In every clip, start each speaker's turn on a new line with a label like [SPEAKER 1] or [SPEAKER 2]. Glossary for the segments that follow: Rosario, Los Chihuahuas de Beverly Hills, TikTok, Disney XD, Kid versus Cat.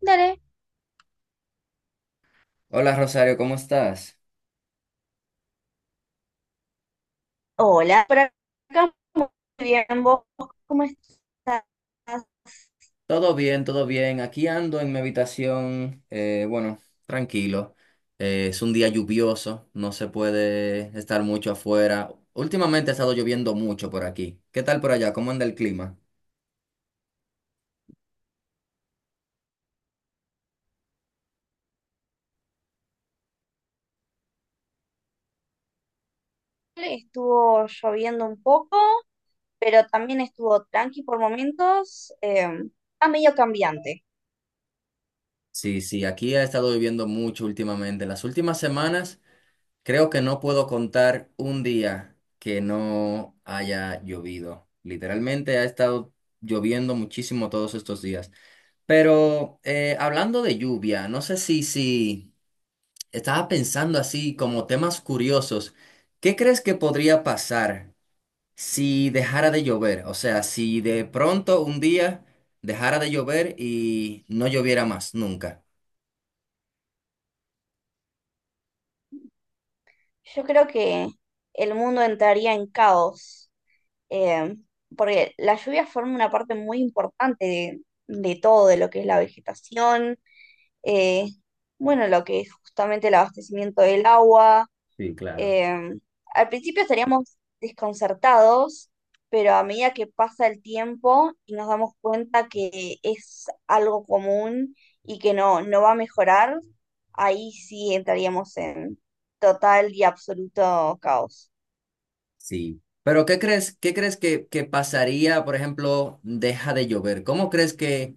[SPEAKER 1] Dale.
[SPEAKER 2] Hola, Rosario, ¿cómo estás?
[SPEAKER 1] Hola, por acá muy bien. ¿Vos cómo estás?
[SPEAKER 2] Todo bien, todo bien. Aquí ando en mi habitación, bueno, tranquilo. Es un día lluvioso, no se puede estar mucho afuera. Últimamente ha estado lloviendo mucho por aquí. ¿Qué tal por allá? ¿Cómo anda el clima?
[SPEAKER 1] Estuvo lloviendo un poco, pero también estuvo tranqui por momentos. Está medio cambiante.
[SPEAKER 2] Sí, sí, aquí ha estado lloviendo mucho últimamente. Las últimas semanas creo que no puedo contar un día que no haya llovido. Literalmente ha estado lloviendo muchísimo todos estos días. Pero hablando de lluvia, no sé si, estaba pensando así como temas curiosos. ¿Qué crees que podría pasar si dejara de llover? O sea, si de pronto un día dejara de llover y no lloviera más nunca.
[SPEAKER 1] Yo creo que el mundo entraría en caos, eh, porque la lluvia forma una parte muy importante de todo, de lo que es la vegetación, eh, bueno, lo que es justamente el abastecimiento del agua.
[SPEAKER 2] Sí, claro.
[SPEAKER 1] Eh, Al principio estaríamos desconcertados, pero a medida que pasa el tiempo y nos damos cuenta que es algo común y que no va a mejorar, ahí sí entraríamos en total y absoluto caos.
[SPEAKER 2] Sí. Pero qué crees que pasaría, por ejemplo, deja de llover? ¿Cómo crees que,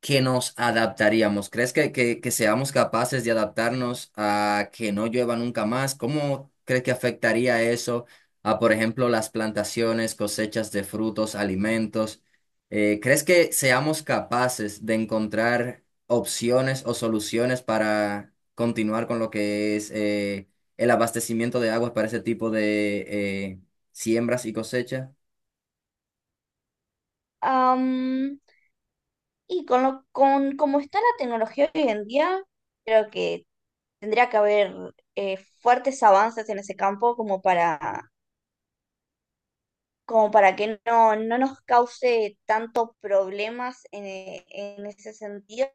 [SPEAKER 2] que nos adaptaríamos? ¿Crees que seamos capaces de adaptarnos a que no llueva nunca más? ¿Cómo crees que afectaría eso a, por ejemplo, las plantaciones, cosechas de frutos, alimentos? ¿Crees que seamos capaces de encontrar opciones o soluciones para continuar con lo que es el abastecimiento de aguas para ese tipo de eh, siembras y cosechas?
[SPEAKER 1] Am, y con cómo está la tecnología hoy en día, creo que tendría que haber fuertes avances en ese campo como para como para que no nos cause tantos problemas en, en ese sentido.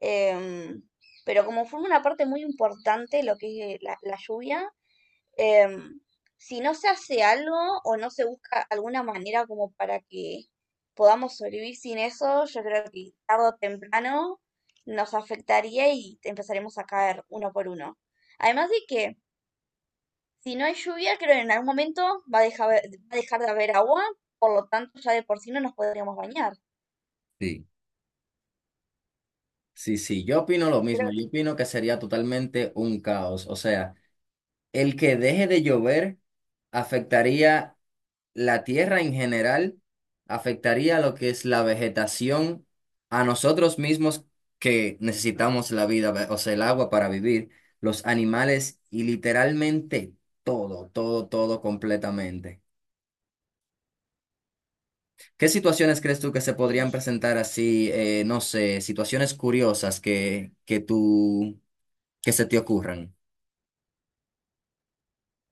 [SPEAKER 1] em, pero como forma una parte muy importante lo que es la lluvia, em, si no se hace algo o no se busca alguna manera como para que podamos sobrevivir sin eso, yo creo que tarde o temprano nos afectaría y empezaremos a caer uno por uno. Además de que si no hay lluvia, creo que en algún momento va a dejar de haber agua, por lo tanto ya de por sí no nos podríamos bañar.
[SPEAKER 2] Sí. Sí, sí, yo opino lo mismo.
[SPEAKER 1] Creo que
[SPEAKER 2] Yo opino que sería totalmente un caos. O sea, el que deje de llover afectaría la tierra en general, afectaría lo que es la vegetación, a nosotros mismos que necesitamos la vida, o sea, el agua para vivir, los animales y literalmente todo, todo, todo completamente. ¿Qué situaciones crees tú que se podrían
[SPEAKER 1] y
[SPEAKER 2] presentar así, no sé, situaciones curiosas que tú, que se te ocurran?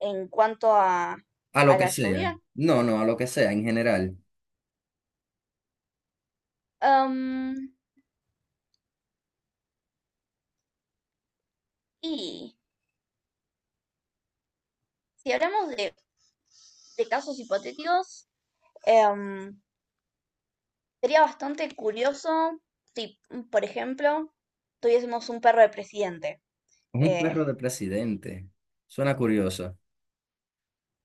[SPEAKER 1] En cuanto
[SPEAKER 2] A lo
[SPEAKER 1] a
[SPEAKER 2] que
[SPEAKER 1] la
[SPEAKER 2] sea.
[SPEAKER 1] lluvia,
[SPEAKER 2] No, no, a lo que sea, en general.
[SPEAKER 1] em, y si hablamos de casos hipotéticos, em, sería bastante curioso si, por ejemplo, tuviésemos un perro de presidente.
[SPEAKER 2] Un
[SPEAKER 1] Eh,
[SPEAKER 2] perro de presidente. Suena curioso.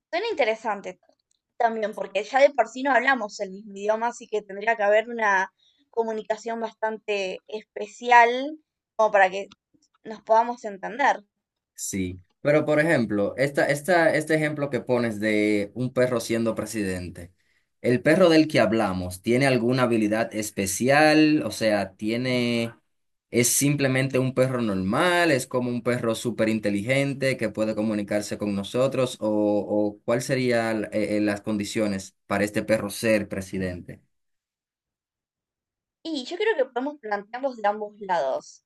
[SPEAKER 1] Suena interesante también, porque ya de por sí no hablamos el mismo idioma, así que tendría que haber una comunicación bastante especial como para que nos podamos entender.
[SPEAKER 2] Sí. Pero, por ejemplo, este ejemplo que pones de un perro siendo presidente. ¿El perro del que hablamos tiene alguna habilidad especial? O sea, tiene... ¿Es simplemente un perro normal? ¿Es como un perro súper inteligente que puede comunicarse con nosotros? O cuál serían las condiciones para este perro ser presidente?
[SPEAKER 1] Y yo creo que podemos plantearlos de ambos lados,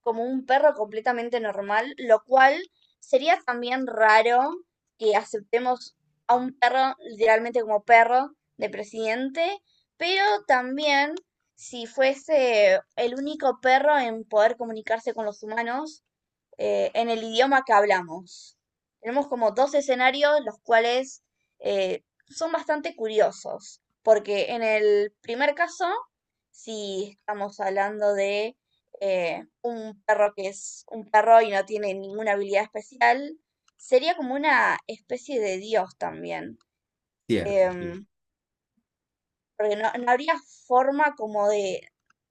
[SPEAKER 1] como un perro completamente normal, lo cual sería también raro que aceptemos a un perro literalmente como perro de presidente, pero también si fuese el único perro en poder comunicarse con los humanos, en el idioma que hablamos. Tenemos como dos escenarios, los cuales son bastante curiosos, porque en el primer caso, si estamos hablando de un perro que es un perro y no tiene ninguna habilidad especial, sería como una especie de dios también,
[SPEAKER 2] Cierto.
[SPEAKER 1] em, porque no habría forma como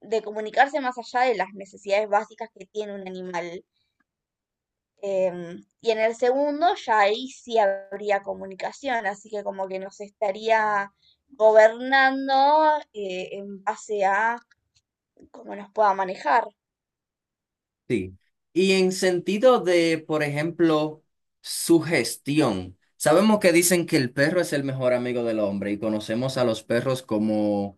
[SPEAKER 1] de comunicarse más allá de las necesidades básicas que tiene un animal. Y en el segundo ya ahí sí habría comunicación, así que como que nos estaría gobernando en base a cómo nos pueda manejar.
[SPEAKER 2] Sí. Y en sentido de, por ejemplo, su gestión. Sabemos que dicen que el perro es el mejor amigo del hombre y conocemos a los perros como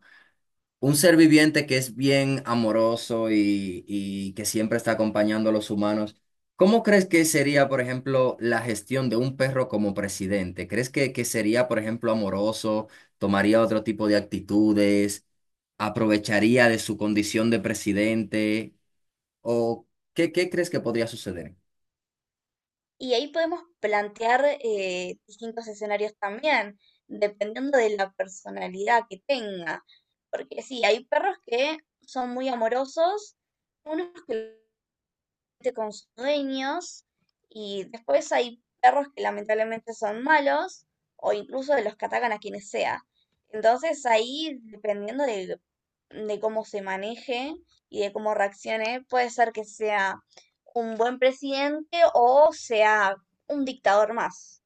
[SPEAKER 2] un ser viviente que es bien amoroso y que siempre está acompañando a los humanos. ¿Cómo crees que sería, por ejemplo, la gestión de un perro como presidente? ¿Crees que sería, por ejemplo, amoroso? ¿Tomaría otro tipo de actitudes? ¿Aprovecharía de su condición de presidente? ¿O qué, qué crees que podría suceder?
[SPEAKER 1] Y ahí podemos plantear distintos escenarios también, dependiendo de la personalidad que tenga. Porque sí, hay perros que son muy amorosos, unos que con sus dueños, y después hay perros que lamentablemente son malos o incluso de los que atacan a quienes sea. Entonces ahí, dependiendo de cómo se maneje y de cómo reaccione, puede ser que sea un buen presidente o sea un dictador más.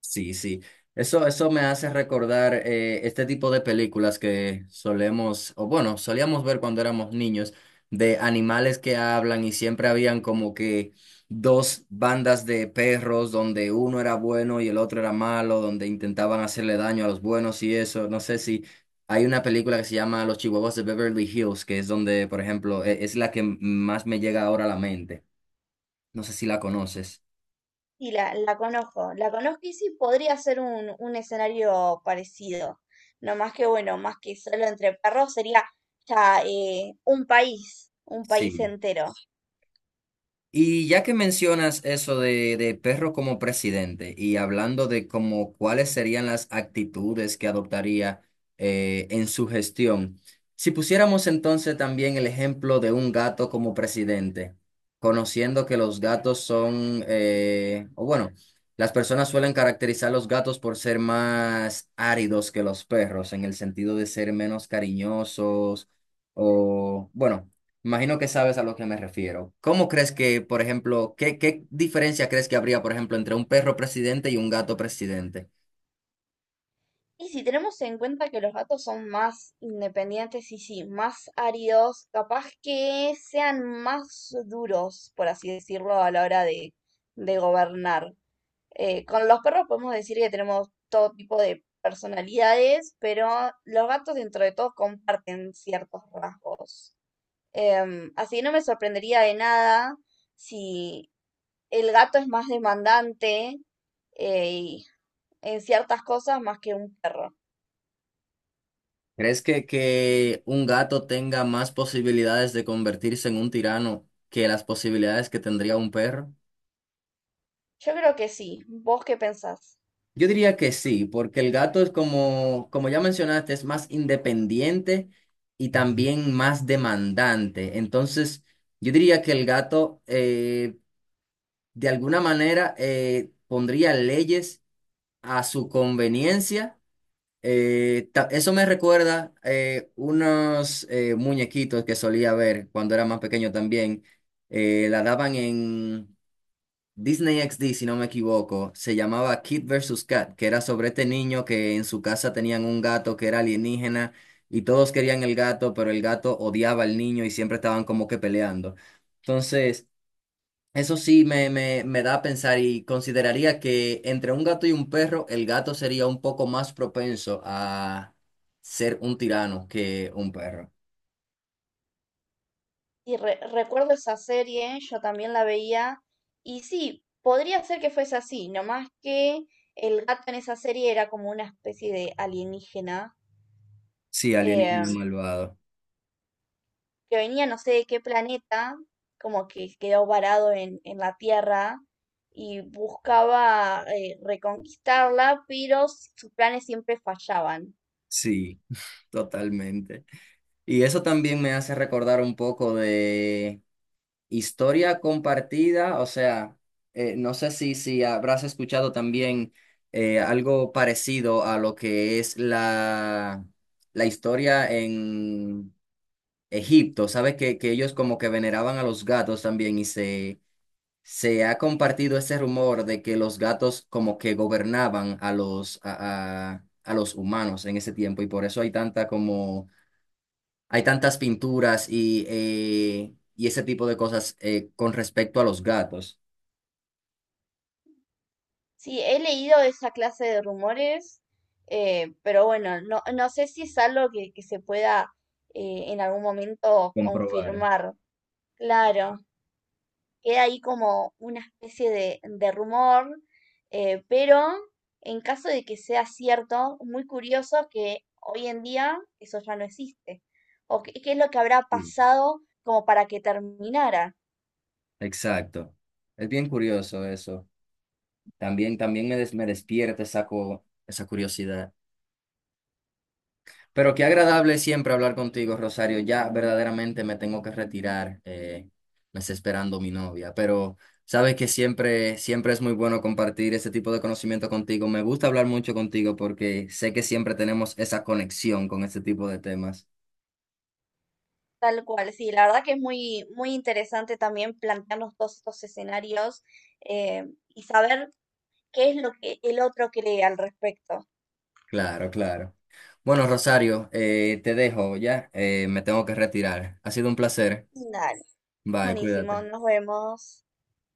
[SPEAKER 2] Sí, sí. Eso me hace recordar este tipo de películas que solemos, o bueno, solíamos ver cuando éramos niños, de animales que hablan y siempre habían como que dos bandas de perros donde uno era bueno y el otro era malo, donde intentaban hacerle daño a los buenos y eso. No sé si hay una película que se llama Los Chihuahuas de Beverly Hills, que es donde, por ejemplo, es la que más me llega ahora a la mente. No sé si la conoces.
[SPEAKER 1] Sí, la conozco, la conozco, y sí podría ser un escenario parecido. No más que bueno, más que solo entre perros sería ya un país
[SPEAKER 2] Sí.
[SPEAKER 1] entero.
[SPEAKER 2] Y ya que mencionas eso de perro como presidente y hablando de como cuáles serían las actitudes que adoptaría en su gestión, si pusiéramos entonces también el ejemplo de un gato como presidente, conociendo que los gatos son, o bueno, las personas suelen caracterizar a los gatos por ser más áridos que los perros, en el sentido de ser menos cariñosos o, bueno, imagino que sabes a lo que me refiero. ¿Cómo crees que, por ejemplo, qué, qué diferencia crees que habría, por ejemplo, entre un perro presidente y un gato presidente?
[SPEAKER 1] Y si tenemos en cuenta que los gatos son más independientes y sí, más áridos, capaz que sean más duros, por así decirlo, a la hora de gobernar. Con los perros podemos decir que tenemos todo tipo de personalidades, pero los gatos dentro de todo comparten ciertos rasgos. Así que no me sorprendería de nada si el gato es más demandante, y en ciertas cosas más que un perro.
[SPEAKER 2] ¿Crees que un gato tenga más posibilidades de convertirse en un tirano que las posibilidades que tendría un perro?
[SPEAKER 1] Yo creo que sí. ¿Vos qué pensás?
[SPEAKER 2] Yo diría que sí, porque el gato es como, como ya mencionaste, es más independiente y también más demandante. Entonces, yo diría que el gato, de alguna manera, pondría leyes a su conveniencia. Eso me recuerda unos muñequitos que solía ver cuando era más pequeño también. La daban en Disney XD, si no me equivoco. Se llamaba Kid versus Cat, que era sobre este niño que en su casa tenían un gato que era alienígena y todos querían el gato, pero el gato odiaba al niño y siempre estaban como que peleando. Entonces... Eso sí me da a pensar y consideraría que entre un gato y un perro, el gato sería un poco más propenso a ser un tirano que un perro.
[SPEAKER 1] Y recuerdo esa serie, yo también la veía, y sí, podría ser que fuese así, nomás que el gato en esa serie era como una especie de alienígena.
[SPEAKER 2] Sí, alienígena
[SPEAKER 1] Sí.
[SPEAKER 2] malvado.
[SPEAKER 1] Que venía no sé de qué planeta, como que quedó varado en la Tierra y buscaba reconquistarla, pero sus planes siempre fallaban.
[SPEAKER 2] Sí, totalmente. Y eso también me hace recordar un poco de historia compartida, o sea, no sé si, si habrás escuchado también algo parecido a lo que es la historia en Egipto, ¿sabes? Que ellos como que veneraban a los gatos también y se ha compartido ese rumor de que los gatos como que gobernaban a los, a los humanos en ese tiempo y por eso hay tanta como, hay tantas pinturas y ese tipo de cosas con respecto a los gatos.
[SPEAKER 1] Sí, he leído esa clase de rumores, pero bueno, no sé si es algo que se pueda en algún momento
[SPEAKER 2] Comprobar.
[SPEAKER 1] confirmar. Claro, queda ahí como una especie de rumor, pero en caso de que sea cierto, muy curioso que hoy en día eso ya no existe. ¿O qué, qué es lo que habrá
[SPEAKER 2] Sí.
[SPEAKER 1] pasado como para que terminara?
[SPEAKER 2] Exacto. Es bien curioso eso. También, me despierta esa, esa curiosidad. Pero qué agradable siempre hablar contigo, Rosario. Ya verdaderamente me tengo que retirar. Me está esperando mi novia, pero sabes que siempre, siempre es muy bueno compartir ese tipo de conocimiento contigo. Me gusta hablar mucho contigo porque sé que siempre tenemos esa conexión con este tipo de temas.
[SPEAKER 1] Tal cual, sí, la verdad que es muy, muy interesante también plantearnos todos estos escenarios, eh, y saber qué es lo que el otro cree al respecto.
[SPEAKER 2] Claro, claro. Bueno, Rosario, te dejo ya. Me tengo que retirar. Ha sido un placer.
[SPEAKER 1] Dale.
[SPEAKER 2] Bye,
[SPEAKER 1] Buenísimo,
[SPEAKER 2] cuídate.
[SPEAKER 1] nos vemos.